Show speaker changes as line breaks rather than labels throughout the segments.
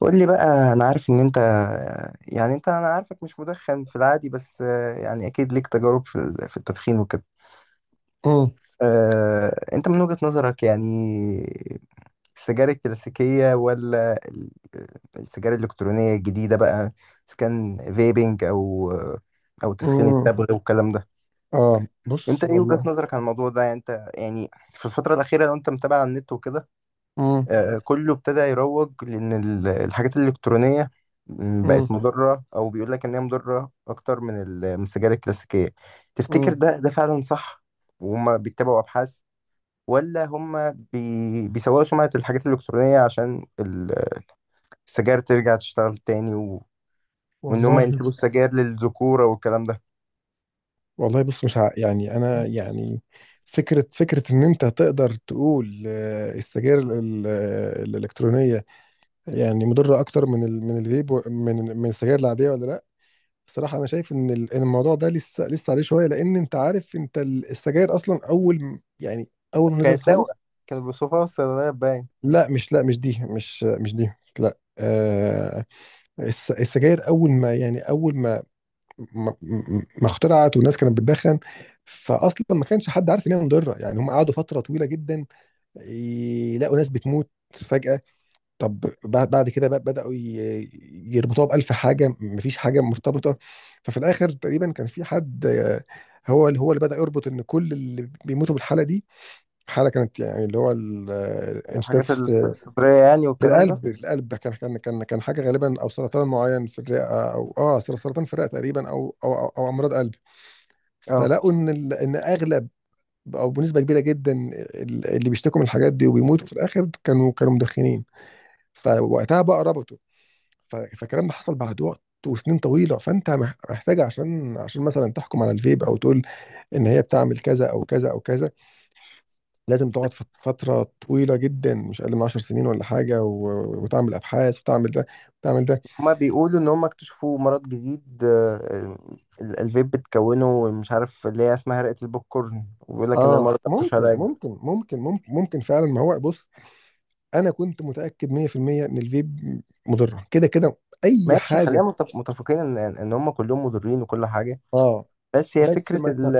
قول لي بقى، انا عارف ان انت انا عارفك مش مدخن في العادي، بس يعني اكيد ليك تجارب في في التدخين وكده.
امم
انت من وجهة نظرك يعني، السجاير الكلاسيكية ولا السجاير الإلكترونية الجديدة بقى، اذا كان فيبنج او تسخين
امم
التبغ والكلام ده.
اه بص،
انت ايه وجهة
والله.
نظرك عن الموضوع ده؟ يعني انت يعني في الفترة الأخيرة، لو انت متابع على النت وكده،
امم
كله ابتدى يروج لان الحاجات الالكترونيه، بقت
امم
مضره، او بيقول لك ان هي مضره اكتر من من السجاير الكلاسيكيه. تفتكر
امم
ده فعلا صح؟ وهم بيتبعوا ابحاث ولا هم بيسوقوا سمعه الحاجات الالكترونيه عشان السجاير ترجع تشتغل تاني، وان هم
والله،
ينسبوا السجاير للذكوره والكلام ده.
والله، بص، مش ع... يعني انا، يعني فكره ان انت تقدر تقول السجاير الالكترونيه يعني مضره اكتر من الفيب من السجاير العاديه، ولا لا؟ الصراحه انا شايف إن الموضوع ده لسه عليه شويه، لان انت عارف انت السجاير اصلا يعني اول ما نزلت
كانت
خالص.
دواء، كانوا بيوصفوها في الصيدليات باين.
لا، مش دي. لا، آه. السجاير اول ما ما ما اخترعت والناس كانت بتدخن، فاصلا ما كانش حد عارف ان هي مضره. يعني هم قعدوا فتره طويله جدا يلاقوا ناس بتموت فجاه. طب بعد كده بقى يربطوها بالف حاجه مفيش حاجه مرتبطه. ففي الاخر تقريبا كان في حد، هو اللي بدا يربط ان كل اللي بيموتوا بالحاله دي، حاله كانت يعني، اللي هو الانشداد
الحاجات
في،
الصدريه يعني والكلام ده.
في القلب. كان حاجه غالبا، او سرطان معين في الرئه، او اه سرطان في الرئه تقريبا، أو امراض قلب.
اه،
فلقوا ان اغلب، او بنسبه كبيره جدا، اللي بيشتكوا من الحاجات دي وبيموتوا في الاخر، كانوا مدخنين. فوقتها بقى ربطوا. فالكلام ده حصل بعد وقت وسنين طويله. فانت محتاج، عشان عشان مثلا تحكم على الفيب او تقول ان هي بتعمل كذا او كذا او كذا، لازم تقعد في فتره طويله جدا، مش اقل من 10 سنين ولا حاجه، وتعمل ابحاث، وتعمل ده، وتعمل ده.
هما بيقولوا ان هما اكتشفوا مرض جديد، الفيب بتكونه، مش عارف اللي هي اسمها هرقة البوب كورن، وبيقول لك ان
اه
المرض ده مش
ممكن
علاج.
ممكن ممكن ممكن ممكن فعلا. ما هو بص، انا كنت متاكد 100% ان الفيب مضره كده كده، اي
ماشي، خلينا
حاجه.
متفقين ان هم كلهم مضرين وكل حاجه،
اه
بس هي
بس
فكره ال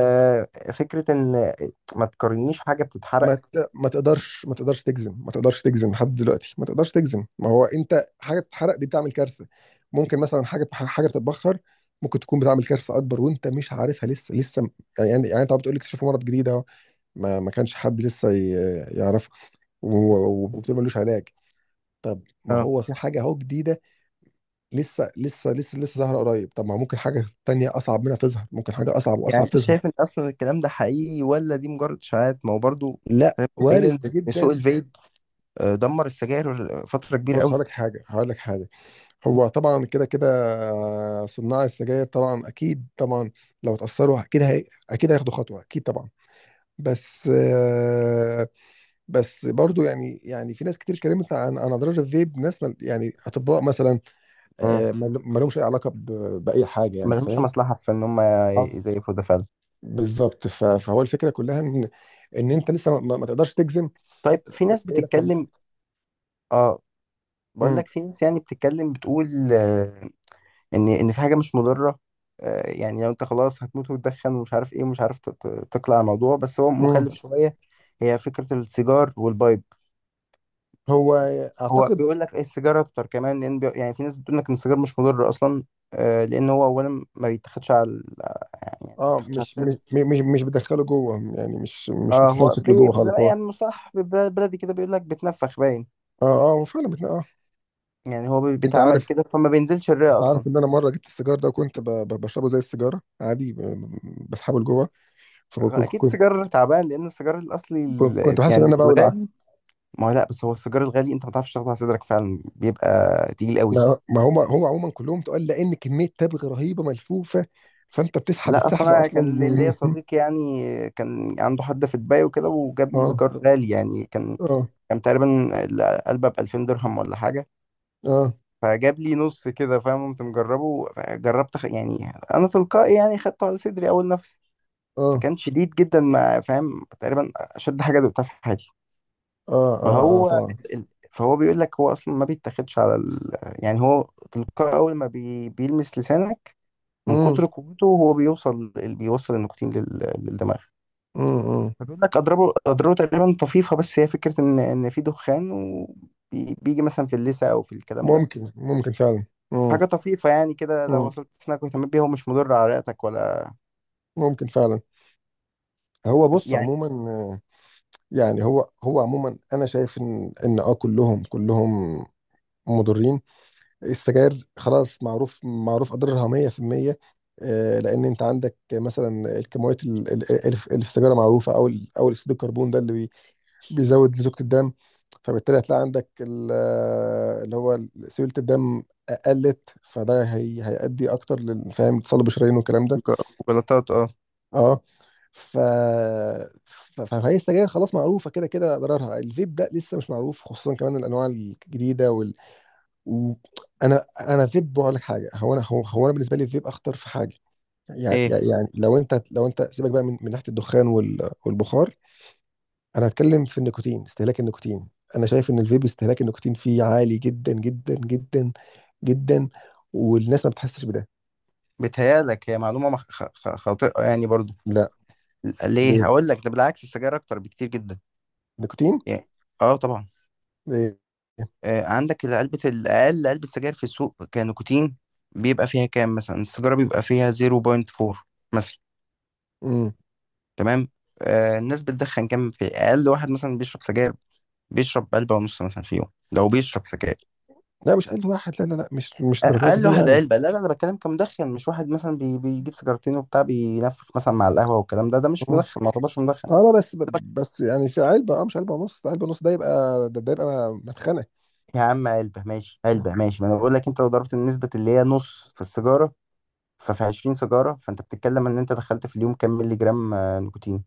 فكره ان ما تقارنيش حاجه بتتحرق.
ما تقدرش تجزم. ما تقدرش تجزم لحد دلوقتي. ما تقدرش تجزم. ما هو انت حاجه بتتحرق دي بتعمل كارثه، ممكن مثلا حاجه بتتبخر ممكن تكون بتعمل كارثه اكبر وانت مش عارفها لسه. يعني يعني انت بتقول لي اكتشفوا مرض جديد اهو، ما ما كانش حد لسه يعرفه، و- و- وبتقول ملوش علاج. طب ما
اه.
هو في حاجه اهو جديده لسه ظاهره قريب. طب ما ممكن حاجه تانية اصعب منها تظهر، ممكن حاجه اصعب
يعني
واصعب
انت
تظهر.
شايف ان اصلا الكلام ده حقيقي، ولا دي مجرد اشاعات؟ ما هو برضه
لا،
خلينا متفقين ان
وارد
إن سوق
جدا.
الفيب، دمر السجاير فتره كبيره
بص هقول
قوي.
لك حاجه هقول لك حاجه. هو طبعا كده كده، صناع السجاير، طبعا اكيد طبعا لو اتاثروا اكيد هي، اكيد هياخدوا خطوه، اكيد طبعا. بس آه، بس برضو، يعني يعني في ناس كتير اتكلمت عن اضرار الفيب، ناس يعني اطباء مثلا،
امم
ما لهمش اي علاقه باي حاجه، يعني
ما لهمش
فاهم.
مصلحه في ان هم
اه،
يزيفوا ده فعلا.
بالظبط. فهو الفكره كلها ان ان انت لسه ما تقدرش تجزم.
طيب في
ايه؟
ناس
إيه الاكتر؟
بتتكلم. اه بقول
امم
لك، في ناس يعني بتتكلم بتقول ان في حاجه مش مضره، يعني لو انت خلاص هتموت وتدخن ومش عارف ايه، ومش عارف تقلع الموضوع، بس هو
امم
مكلف شويه. هي فكره السيجار والبايب.
هو
هو
اعتقد.
بيقول لك إيه؟ السيجار اكتر كمان، لان يعني في ناس بتقول لك ان السيجار مش مضر اصلا، لان هو اولا ما بيتاخدش على يعني ما
اه
بيتاخدش على الكد.
مش بتدخله جوه يعني، مش
اه هو
بتستمسك لجوه
زي
خالص، هو اه.
يعني مصطلح بلدي كده، بيقول لك بتنفخ باين.
اه، هو فعلا اه.
يعني هو
انت
بيتعمل
عارف،
كده، فما بينزلش الرئه اصلا.
ان انا مره جبت السيجار ده، وكنت بشربه زي السيجاره عادي، بسحبه لجوه. فكنت
اكيد
كنت
سيجار تعبان، لان السيجار الاصلي
كنت, كنت حاسس ان
يعني
انا بولع.
الغالي. ما هو لا، بس هو السيجار الغالي انت ما تعرفش تاخده على صدرك، فعلا بيبقى تقيل قوي.
ما ما هم هو عموما كلهم تقول، لان كميه تبغ رهيبه ملفوفه، فانت بتسحب
لا اصلا،
السحب
انا
اصلا.
كان ليا صديق يعني كان عنده حد في دبي وكده، وجاب لي
اه
سيجار غالي، يعني كان
اه
كان تقريبا العلبه ب 2000 درهم ولا حاجه.
اه
فجاب لي نص كده، فاهم، قمت مجربه، جربت يعني انا تلقائي يعني خدته على صدري اول نفسي،
اه
فكان شديد جدا، ما فاهم، تقريبا اشد حاجه دقتها في حياتي.
اه
فهو
طبعا.
فهو بيقول لك هو اصلا ما بيتاخدش على يعني هو تلقائي، اول ما بيلمس لسانك من
امم
كتر قوته، هو بيوصل النيكوتين للدماغ.
امم
فبيقول لك اضربه اضربه تقريبا طفيفه، بس هي فكره ان في دخان وبيجي مثلا في اللثه او في الكلام ده.
ممكن فعلا. امم
حاجه طفيفه، يعني كده لو
امم
وصلت سنك واهتميت بيها، هو مش مضر على رئتك ولا
ممكن فعلا. هو بص،
يعني.
عموما، آه، يعني هو عموما، انا شايف ان ان اه كلهم مضرين. السجاير خلاص، معروف اضرارها 100%. لان انت عندك مثلا الكميات اللي في السيجاره معروفه، او اكسيد الكربون ده بيزود لزوجة الدم. فبالتالي هتلاقي عندك اللي هو سيولة الدم قلت. فده هي هيؤدي اكتر للفهم تصلب الشرايين والكلام ده.
جلطات، اه.
اه. ف فهي السجاير خلاص معروفه كده كده اضرارها. الفيب ده لسه مش معروف، خصوصا كمان الانواع الجديده و... انا فيب بقول لك حاجه. هو انا بالنسبه لي الفيب اخطر في حاجه. يعني
ايه
يعني لو انت سيبك بقى من ناحيه الدخان والبخار. انا هتكلم في النيكوتين، استهلاك النيكوتين. انا شايف ان الفيب استهلاك النيكوتين فيه عالي جدا جدا جدا. والناس ما بتحسش بده.
بتهيالك هي معلومه خاطئه يعني برضو؟
لا.
ليه؟
ليه؟
هقول لك، ده بالعكس، السجاير اكتر بكتير جدا.
نيكوتين.
يعني، اه طبعا،
ليه؟
عندك علبة، الأقل علبة سجاير في السوق كنيكوتين بيبقى فيها كام؟ مثلا السيجارة بيبقى فيها 0.4 مثلا،
امم
تمام. الناس بتدخن كام في أقل واحد، مثلا بيشرب سجاير؟ بيشرب علبة ونص مثلا في يوم، لو بيشرب سجاير.
لا، مش اقل واحد. لا، مش درجات
أقل
دي
واحد
يعني.
علبة، لا لا، أنا بتكلم كمدخن، مش واحد مثلا بيجيب سيجارتين وبتاع، بينفخ مثلا مع القهوة والكلام ده، ده مش
مم.
مدخن، ما يعتبرش مدخن.
اه، لا بس يعني في علبه، اه مش علبه ونص. علبه ونص ده يبقى، ده يبقى مدخنه.
يا عم علبة، ماشي
مم.
علبة، ماشي، ما أنا بقول لك أنت لو ضربت النسبة اللي هي نص في السيجارة، ففي 20 سيجارة، فأنت بتتكلم إن أنت دخلت في اليوم كام مللي جرام نيكوتين؟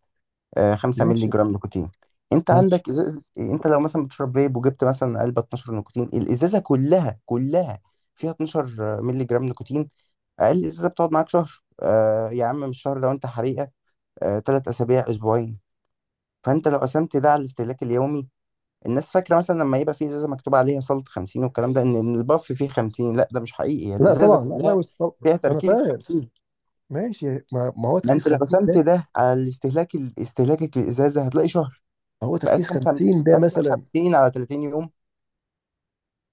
5 مللي
ماشي،
جرام نيكوتين. أنت
ماشي.
عندك إزازة، أنت لو مثلا بتشرب فيب وجبت مثلا علبة 12 نيكوتين، الإزازة كلها كلها فيها 12 مللي جرام نيكوتين. أقل إزازة بتقعد معاك شهر، يا عم مش شهر، لو أنت حريقة تلات أسابيع، أسبوعين. فأنت لو قسمت ده على الاستهلاك اليومي، الناس فاكرة مثلا لما يبقى في إزازة مكتوب عليها صلة 50 والكلام ده، إن الباف فيه 50، لا، ده مش حقيقي، هي
لا
الإزازة
طبعا لا لا
كلها
مش طبعا.
فيها
انا
تركيز
فاهم.
50.
ماشي. ما هو
ما
تركيز
انت لو
50
قسمت
ده.
ده على استهلاكك للازازه هتلاقي شهر.
هو تركيز
فقسم 50،
50 ده
قسم
مثلا.
50 على 30 يوم،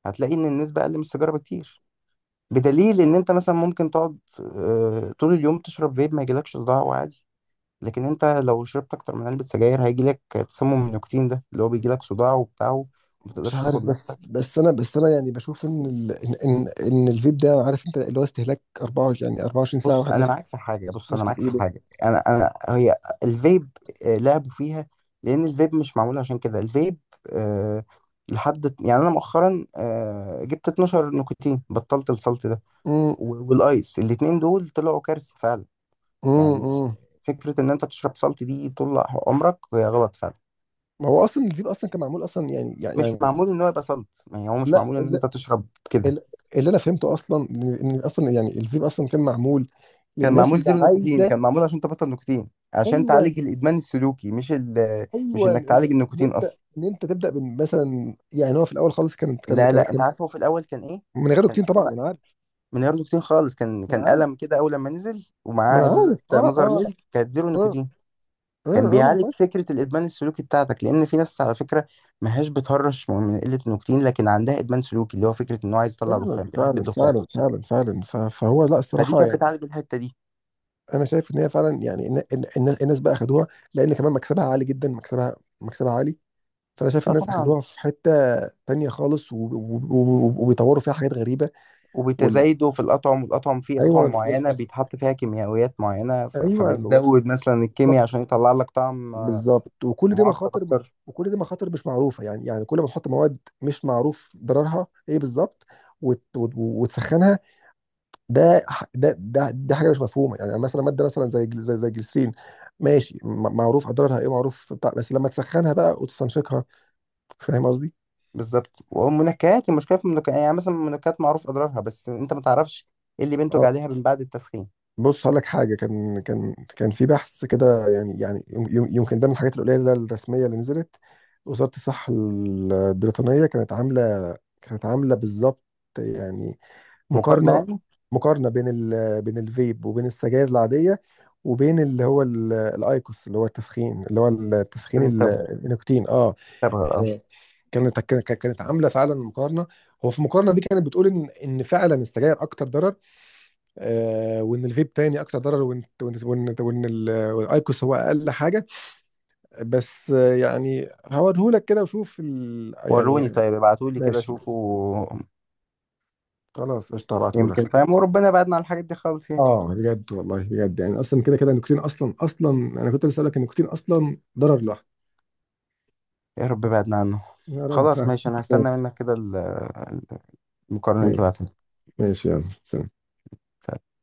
هتلاقي ان النسبه اقل من السيجاره بكتير، بدليل ان انت مثلا ممكن تقعد طول اليوم تشرب فيب، ما يجيلكش صداع وعادي، لكن انت لو شربت اكتر من علبه سجاير، هيجيلك تسمم النيكوتين، ده اللي هو بيجيلك صداع وبتاع، وما
مش
تقدرش
عارف،
تاخد
بس
نفسك.
بس سنة، يعني بشوف إن ال إن إن إن الفيبداء عارف. أنت لو استهلك أرباعه، يعني أرباعه شهرين ساعة
بص
واحد
انا
لازم.
معاك في حاجه، بص انا
مسكو
معاك
في
في
إيده.
حاجه، انا هي الفيب، لعبوا فيها، لان الفيب مش معمول عشان كده. الفيب أه لحد يعني، انا مؤخرا جبت 12 نيكوتين، بطلت السلط ده
أمم
والايس، الاتنين دول طلعوا كارثه فعلا. يعني
أمم
فكره ان انت تشرب سلط دي طول عمرك هي غلط فعلا،
ما هو أصلاً الفيبد أصلاً كم عمول أصلاً،
مش معمول ان هو يبقى سلط، يعني هو مش
لا،
معمول ان
ال
انت تشرب كده.
ال اللي أنا فهمته أصلاً، إن إن أصلاً يعني الفيبد أصلاً كم عمول
كان
للناس
معمول
اللي
زيرو نيكوتين،
عايزه.
كان معمول عشان تبطل نيكوتين، عشان
أيوة،
تعالج الادمان السلوكي، مش انك
إن
تعالج
إن
النيكوتين
أنت،
اصلا.
أنت تبدأ بس، مثلاً يعني. هو في الأول خلص، كنا كنا
لا لا، انت
كنا
عارف هو في الاول كان ايه؟
من يغلق
كان
تين طبعاً.
اصلا
منعرف
من غير نيكوتين خالص، كان
منعرف
قلم كده اول لما نزل، ومعاه
منعرف.
ازازه مازر ميلك كانت زيرو نيكوتين، كان
من
بيعالج
فضي.
فكره الادمان السلوكي بتاعتك، لان في ناس على فكره ما هياش بتهرش من قله النيكوتين، لكن عندها ادمان سلوكي، اللي هو فكره انه عايز يطلع
فعلا
دخان، بيحب
فعلا
الدخان.
فعلا فعلا فعلا فهو لا،
فدي
الصراحه
كانت
يعني
بتعالج الحته دي.
انا شايف ان هي فعلا، يعني إن الناس بقى اخدوها لان كمان مكسبها عالي جدا. مكسبها عالي. فانا شايف
اه
الناس
طبعا.
اخدوها في حته تانية خالص، وبيطوروا فيها حاجات غريبه. وال...
وبتزايده في الاطعم، فيه اطعم
ايوه.
معينه بيتحط فيها كيميائيات معينه،
ايوه.
فبيزود مثلا الكيمياء
بالظبط
عشان يطلع لك طعم
بالظبط وكل دي
معقد
مخاطر.
اكتر.
وكل دي مخاطر مش معروفه. يعني يعني كل ما تحط مواد مش معروف ضررها ايه بالظبط وتسخنها. ده ح- ده ده دي حاجه مش مفهومه يعني، مثلا ماده مثلا زي زي الجليسرين، ماشي، معروف اضرارها ايه، معروف بتاع، بس لما تسخنها بقى وتستنشقها. فاهم قصدي؟
بالظبط، والمنكهات، المشكله في المنكهات يعني، مثلا المنكهات معروف اضرارها، بس انت ما تعرفش ايه اللي
اه.
بينتج عليها من بعد التسخين.
بص هقول لك حاجه. كان كان كان في بحث كده. يعني يعني يمكن ده من الحاجات القليله الرسميه اللي نزلت. وزاره الصحه البريطانيه كانت عامله، بالظبط يعني
مقارنه
مقارنه.
يعني،
بين ال، بين الفيب، وبين السجاير العاديه، وبين اللي هو الايكوس، اللي هو التسخين،
بنستبها
النيكوتين. اه.
استبها، اه.
مم. كانت عامله فعلا مقارنه. هو في المقارنه دي كانت بتقول ان فعلا السجاير اكتر ضرر، آه، وان الفيب تاني اكتر ضرر، وإن والايكوس هو اقل حاجه. بس آه يعني هوريهولك كده، وشوف
وروني،
يعني.
طيب ابعتوا لي كده
ماشي.
شوفوا،
خلاص، قشطه،
يمكن
هبعتهولك.
فاهم. وربنا بعدنا عن الحاجات دي خالص يعني،
اه، بجد والله، بجد. يعني اصلا كده كده النيكوتين اصلا، انا كنت لسه اسالك النيكوتين اصلا ضرر لوحده.
يا رب بعدنا عنه.
يا رب.
خلاص
فاهم.
ماشي، انا هستنى منك كده المقارنه دي
ماشي،
تبعتها
ماشي، يلا، سلام.
لي.